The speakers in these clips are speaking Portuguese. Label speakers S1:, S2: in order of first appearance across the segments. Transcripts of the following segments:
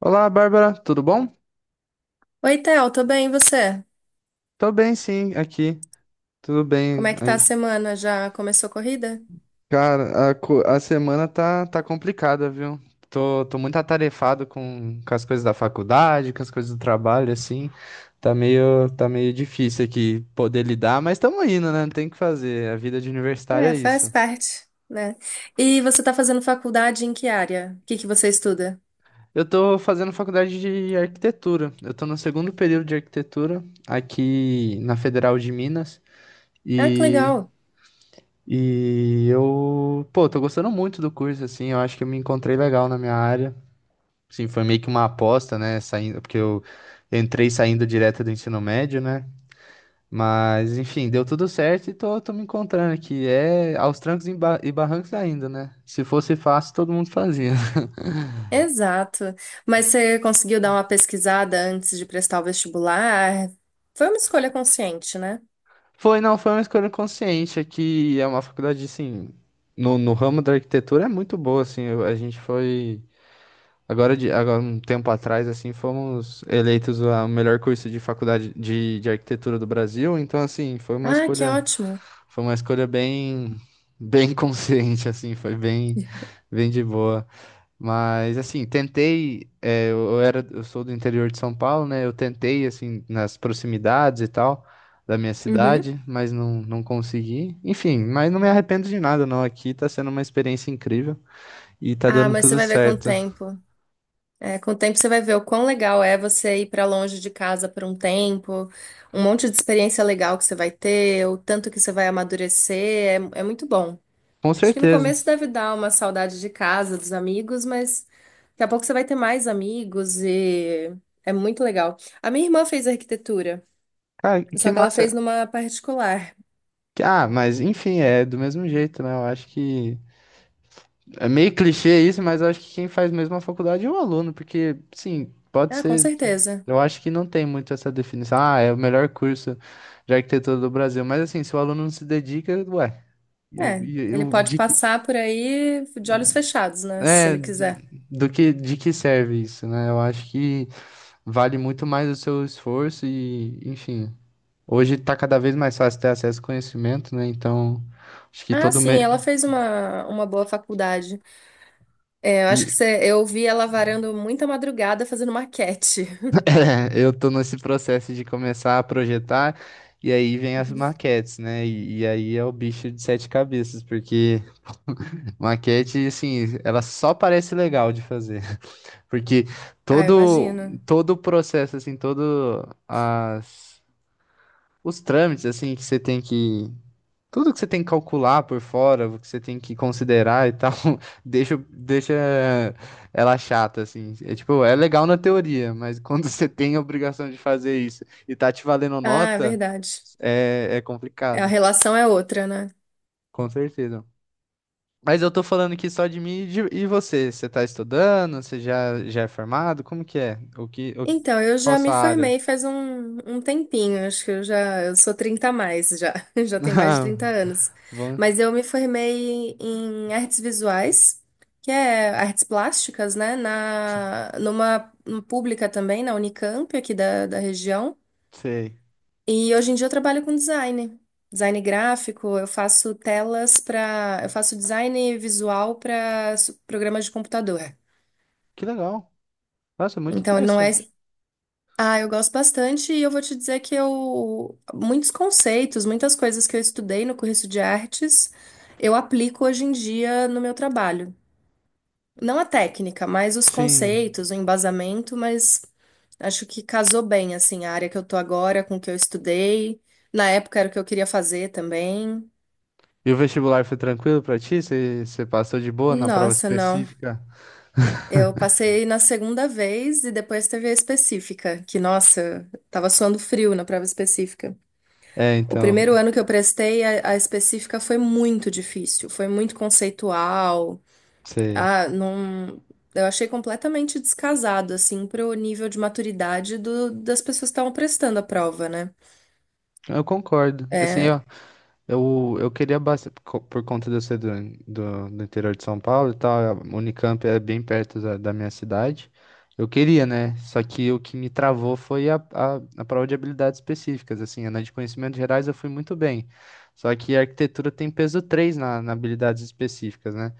S1: Olá, Bárbara, tudo bom?
S2: Oi, Theo, tô bem, e você?
S1: Tô bem, sim, aqui. Tudo
S2: Como
S1: bem.
S2: é que tá a
S1: Ai,
S2: semana? Já começou a corrida?
S1: cara, a semana tá complicada, viu? Tô muito atarefado com as coisas da faculdade, com as coisas do trabalho, assim. Tá meio difícil aqui poder lidar, mas estamos indo, né? Não tem o que fazer. A vida de universitário é
S2: É, faz
S1: isso.
S2: parte, né? E você tá fazendo faculdade em que área? O que que você estuda?
S1: Eu tô fazendo faculdade de arquitetura. Eu tô no segundo período de arquitetura aqui na Federal de Minas.
S2: Ah, que
S1: e
S2: legal.
S1: E eu, pô, tô gostando muito do curso, assim, eu acho que eu me encontrei legal na minha área. Assim, foi meio que uma aposta, né, saindo, porque eu entrei saindo direto do ensino médio, né? Mas, enfim, deu tudo certo e tô me encontrando aqui. É aos trancos e barrancos ainda, né? Se fosse fácil, todo mundo fazia.
S2: Exato. Mas você conseguiu dar uma pesquisada antes de prestar o vestibular? Foi uma escolha consciente, né?
S1: Foi, não, foi uma escolha consciente, aqui é uma faculdade, assim, no ramo da arquitetura é muito boa, assim, a gente foi... Agora, um tempo atrás, assim, fomos eleitos o melhor curso de faculdade de arquitetura do Brasil. Então, assim,
S2: Ah, que ótimo.
S1: foi uma escolha bem, bem consciente, assim, foi bem, bem de boa. Mas, assim, tentei, é, eu era, eu sou do interior de São Paulo, né? Eu tentei, assim, nas proximidades e tal da minha
S2: Uhum.
S1: cidade, mas não consegui. Enfim, mas não me arrependo de nada, não. Aqui tá sendo uma experiência incrível e tá
S2: Ah,
S1: dando
S2: mas você
S1: tudo
S2: vai ver com o
S1: certo.
S2: tempo. É, com o tempo você vai ver o quão legal é você ir para longe de casa por um tempo, um monte de experiência legal que você vai ter, o tanto que você vai amadurecer, é muito bom.
S1: Com
S2: Acho que no
S1: certeza.
S2: começo deve dar uma saudade de casa, dos amigos, mas daqui a pouco você vai ter mais amigos e é muito legal. A minha irmã fez arquitetura,
S1: Cara, que
S2: só que ela fez
S1: massa.
S2: numa particular.
S1: Ah, mas enfim, é do mesmo jeito, né? Eu acho que é meio clichê isso, mas eu acho que quem faz mesmo a faculdade é o aluno, porque, sim, pode
S2: Ah, com
S1: ser.
S2: certeza.
S1: Eu acho que não tem muito essa definição. Ah, é o melhor curso de arquitetura do Brasil. Mas assim, se o aluno não se dedica, ué, eu,
S2: É,
S1: eu,
S2: ele
S1: eu-
S2: pode
S1: de, que-
S2: passar por aí de olhos fechados, né, se
S1: é,
S2: ele quiser.
S1: do que, de que serve isso, né? Eu acho que vale muito mais o seu esforço e, enfim, hoje tá cada vez mais fácil ter acesso ao conhecimento, né? Então, acho que
S2: Ah,
S1: todo
S2: sim,
S1: mês.
S2: ela fez uma boa faculdade. É, eu acho que eu vi ela varando muita madrugada fazendo maquete.
S1: É, eu tô nesse processo de começar a projetar, e aí vem as
S2: Uhum.
S1: maquetes, né? E aí é o bicho de sete cabeças, porque maquete, assim, ela só parece legal de fazer. Porque
S2: Ah, eu
S1: todo,
S2: imagino.
S1: todo o processo, assim, os trâmites, assim, que você tem que tudo que você tem que calcular por fora, o que você tem que considerar e tal, deixa ela chata, assim. É tipo, é legal na teoria, mas quando você tem a obrigação de fazer isso e tá te valendo
S2: Ah, é
S1: nota,
S2: verdade.
S1: é
S2: É, a
S1: complicado,
S2: relação é outra, né?
S1: com certeza. Mas eu tô falando aqui só de mim e você. Você tá estudando? Você já é formado? Como que é?
S2: Então, eu
S1: Qual
S2: já me
S1: sua área?
S2: formei faz um tempinho, acho que eu sou 30 a mais já, já tenho mais de
S1: Ah,
S2: 30 anos.
S1: bom,
S2: Mas eu me formei em artes visuais, que é artes plásticas, né, numa pública também, na Unicamp aqui da região.
S1: sei.
S2: E hoje em dia eu trabalho com design, design gráfico, eu faço design visual para programas de computador.
S1: Que legal. Nossa, muito
S2: Então não é,
S1: interessante.
S2: ah, eu gosto bastante e eu vou te dizer que eu muitos conceitos, muitas coisas que eu estudei no curso de artes, eu aplico hoje em dia no meu trabalho. Não a técnica, mas os
S1: Sim.
S2: conceitos, o embasamento, mas acho que casou bem, assim, a área que eu tô agora com o que eu estudei. Na época era o que eu queria fazer também.
S1: E o vestibular foi tranquilo pra ti? Você passou de boa na prova
S2: Nossa, não.
S1: específica?
S2: Eu passei na segunda vez e depois teve a específica, que, nossa, tava suando frio na prova específica.
S1: É,
S2: O
S1: então,
S2: primeiro ano que eu prestei, a específica foi muito difícil, foi muito conceitual.
S1: sei.
S2: Ah, não. Eu achei completamente descasado, assim, pro nível de maturidade das pessoas que estavam prestando a prova, né?
S1: Eu concordo. Assim,
S2: É,
S1: ó, eu queria bastante, por conta de eu ser do interior de São Paulo e tal, a Unicamp é bem perto da minha cidade. Eu queria, né? Só que o que me travou foi a prova de habilidades específicas. Assim, na de conhecimentos gerais eu fui muito bem. Só que a arquitetura tem peso 3 na habilidades específicas, né?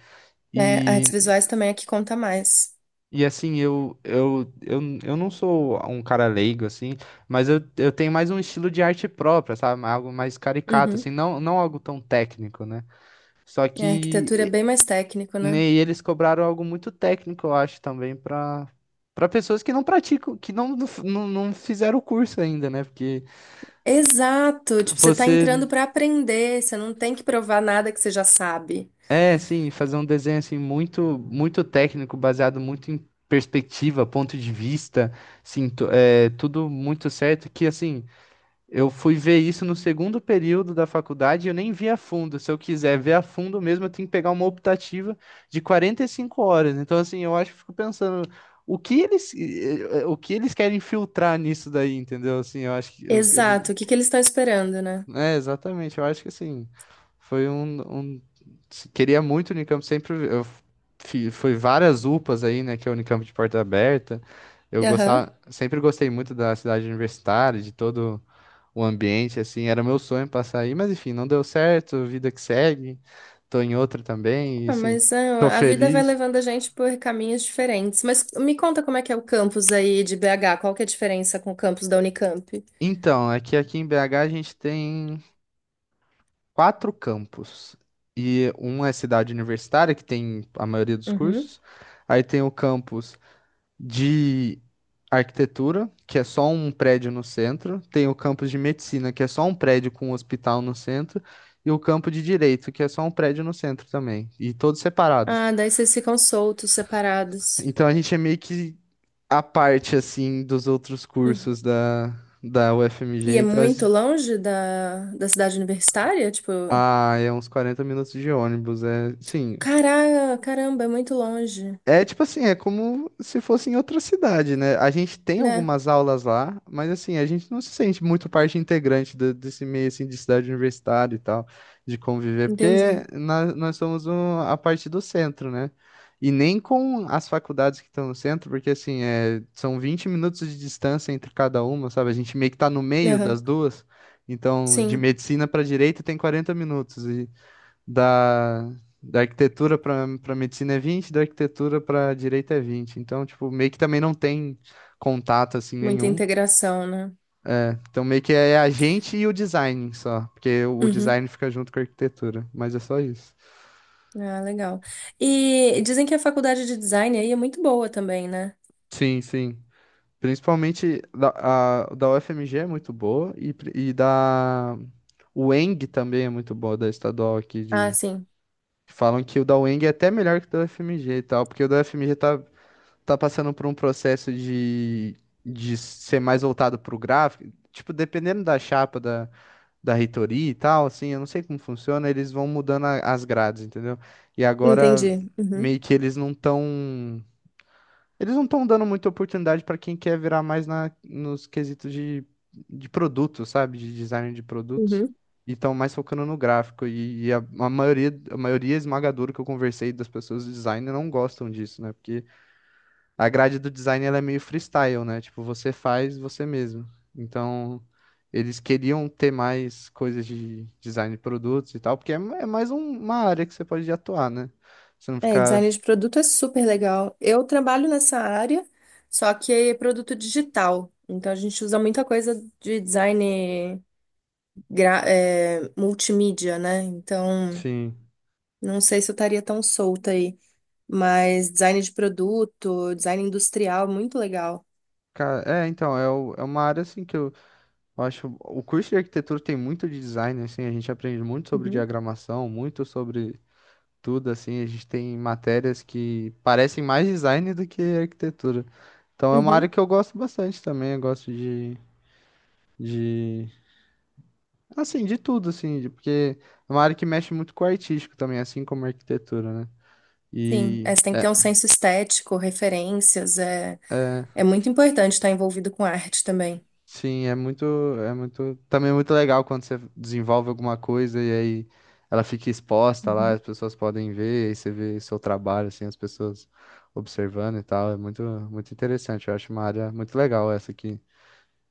S2: né, artes
S1: E
S2: visuais também é que conta mais.
S1: E assim, eu não sou um cara leigo, assim, mas eu tenho mais um estilo de arte própria, sabe? Algo mais caricato, assim,
S2: Uhum.
S1: não algo tão técnico, né? Só
S2: A
S1: que
S2: arquitetura é
S1: e-
S2: bem mais técnico,
S1: né,
S2: né?
S1: e eles cobraram algo muito técnico, eu acho, também, para pessoas que não praticam, que não fizeram o curso ainda, né? Porque
S2: Exato, tipo, você tá
S1: você,
S2: entrando pra aprender, você não tem que provar nada que você já sabe.
S1: é, assim, fazer um desenho, assim, muito técnico, baseado muito em perspectiva, ponto de vista, assim, tudo muito certo, que, assim. Eu fui ver isso no segundo período da faculdade e eu nem vi a fundo. Se eu quiser ver a fundo mesmo, eu tenho que pegar uma optativa de 45 horas. Então, assim, eu acho que fico pensando o que eles, o que eles querem filtrar nisso daí, entendeu? Assim, eu acho que eles.
S2: Exato, o que que eles estão esperando, né?
S1: É, exatamente. Eu acho que assim, foi Queria muito o Unicamp, sempre. Eu fui várias UPAs aí, né? Que é o Unicamp de porta aberta. Eu
S2: Aham.
S1: gostava, sempre gostei muito da cidade universitária, de todo o ambiente, assim, era meu sonho passar aí, mas enfim, não deu certo, vida que segue, tô em outra também, e
S2: Ah,
S1: assim,
S2: mas é,
S1: tô
S2: a vida vai
S1: feliz.
S2: levando a gente por caminhos diferentes. Mas me conta como é que é o campus aí de BH, qual que é a diferença com o campus da Unicamp?
S1: Então, é que aqui em BH a gente tem quatro campos, e um é cidade universitária, que tem a maioria dos
S2: Uhum.
S1: cursos, aí tem o campus de arquitetura, que é só um prédio no centro, tem o campus de medicina, que é só um prédio com um hospital no centro, e o campo de direito, que é só um prédio no centro também, e todos separados.
S2: Ah, daí vocês ficam soltos, separados.
S1: Então a gente é meio que à parte, assim, dos outros
S2: Uhum.
S1: cursos da
S2: E
S1: UFMG.
S2: é
S1: Então,
S2: muito longe da cidade universitária? Tipo,
S1: é uns 40 minutos de ônibus. É, sim.
S2: caramba, é muito longe,
S1: É tipo assim, é como se fosse em outra cidade, né? A gente tem
S2: né?
S1: algumas aulas lá, mas assim, a gente não se sente muito parte integrante desse meio assim de cidade universitária e tal, de conviver, porque
S2: Entendi.
S1: nós somos a parte do centro, né? E nem com as faculdades que estão no centro, porque assim, é, são 20 minutos de distância entre cada uma, sabe? A gente meio que tá no meio das
S2: Aham.
S1: duas. Então, de
S2: Sim.
S1: medicina para direito tem 40 minutos da, da arquitetura para medicina é 20, da arquitetura para direito é 20. Então, tipo, meio que também não tem contato assim
S2: Muita
S1: nenhum.
S2: integração, né?
S1: É, então, meio que é a gente e o design só, porque o
S2: Uhum.
S1: design fica junto com a arquitetura, mas é só isso.
S2: Ah, legal. E dizem que a faculdade de design aí é muito boa também, né?
S1: Sim, sim. Principalmente da UFMG é muito boa e da UENG também é muito boa, da estadual aqui
S2: Ah,
S1: de.
S2: sim.
S1: Falam que o da UENG é até melhor que o da UFMG e tal, porque o da UFMG tá passando por um processo de ser mais voltado pro gráfico. Tipo, dependendo da chapa da reitoria e tal, assim, eu não sei como funciona, eles vão mudando as grades, entendeu? E agora,
S2: Entendi. Uhum.
S1: meio que eles não estão. Eles não estão dando muita oportunidade para quem quer virar mais na, nos quesitos de produto, sabe? De design de produtos.
S2: Uhum.
S1: E estão mais focando no gráfico. A maioria, a maioria esmagadora que eu conversei das pessoas de design não gostam disso, né? Porque a grade do design ela é meio freestyle, né? Tipo, você faz você mesmo. Então, eles queriam ter mais coisas de design de produtos e tal, porque é, é mais uma área que você pode atuar, né? Você não
S2: É,
S1: ficar,
S2: design de produto é super legal. Eu trabalho nessa área, só que é produto digital. Então a gente usa muita coisa de design multimídia, né? Então
S1: assim...
S2: não sei se eu estaria tão solta aí, mas design de produto, design industrial, muito legal.
S1: Cara, é, então, é, é uma área, assim, que eu acho... O curso de arquitetura tem muito de design, assim, a gente aprende muito sobre
S2: Uhum.
S1: diagramação, muito sobre tudo, assim, a gente tem matérias que parecem mais design do que arquitetura. Então, é uma área
S2: Uhum.
S1: que eu gosto bastante também, eu gosto de, assim, de tudo, assim, porque é uma área que mexe muito com o artístico também, assim como a arquitetura, né?
S2: Sim, é,
S1: E
S2: você tem que ter
S1: é,
S2: um senso estético, referências, é,
S1: é,
S2: é muito importante estar envolvido com arte também.
S1: sim, é muito, também é muito legal quando você desenvolve alguma coisa e aí ela fica exposta lá, as
S2: Uhum,
S1: pessoas podem ver, aí você vê seu trabalho, assim, as pessoas observando e tal, é muito, muito interessante, eu acho uma área muito legal essa aqui.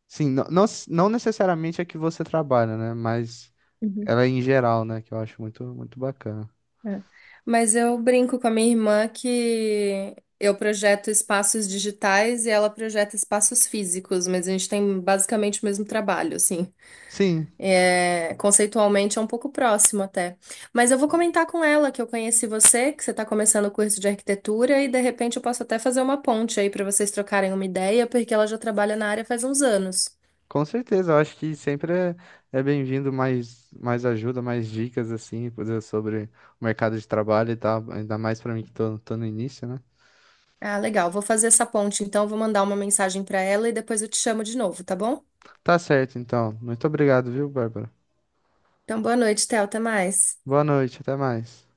S1: Sim, não, não, não necessariamente a que você trabalha, né? Mas
S2: uhum,
S1: ela é em geral, né? Que eu acho muito, muito bacana.
S2: é. Mas eu brinco com a minha irmã que eu projeto espaços digitais e ela projeta espaços físicos, mas a gente tem basicamente o mesmo trabalho, assim.
S1: Sim,
S2: É, conceitualmente é um pouco próximo até. Mas eu vou comentar com ela que eu conheci você, que você está começando o curso de arquitetura e de repente eu posso até fazer uma ponte aí para vocês trocarem uma ideia, porque ela já trabalha na área faz uns anos.
S1: com certeza, eu acho que sempre é, é bem-vindo mais, mais ajuda, mais dicas, assim, coisa sobre o mercado de trabalho e tal, ainda mais pra mim que tô no início, né?
S2: Ah, legal. Vou fazer essa ponte, então vou mandar uma mensagem para ela e depois eu te chamo de novo, tá bom?
S1: Tá certo, então. Muito obrigado, viu, Bárbara?
S2: Então, boa noite, Theo. Até mais.
S1: Boa noite, até mais.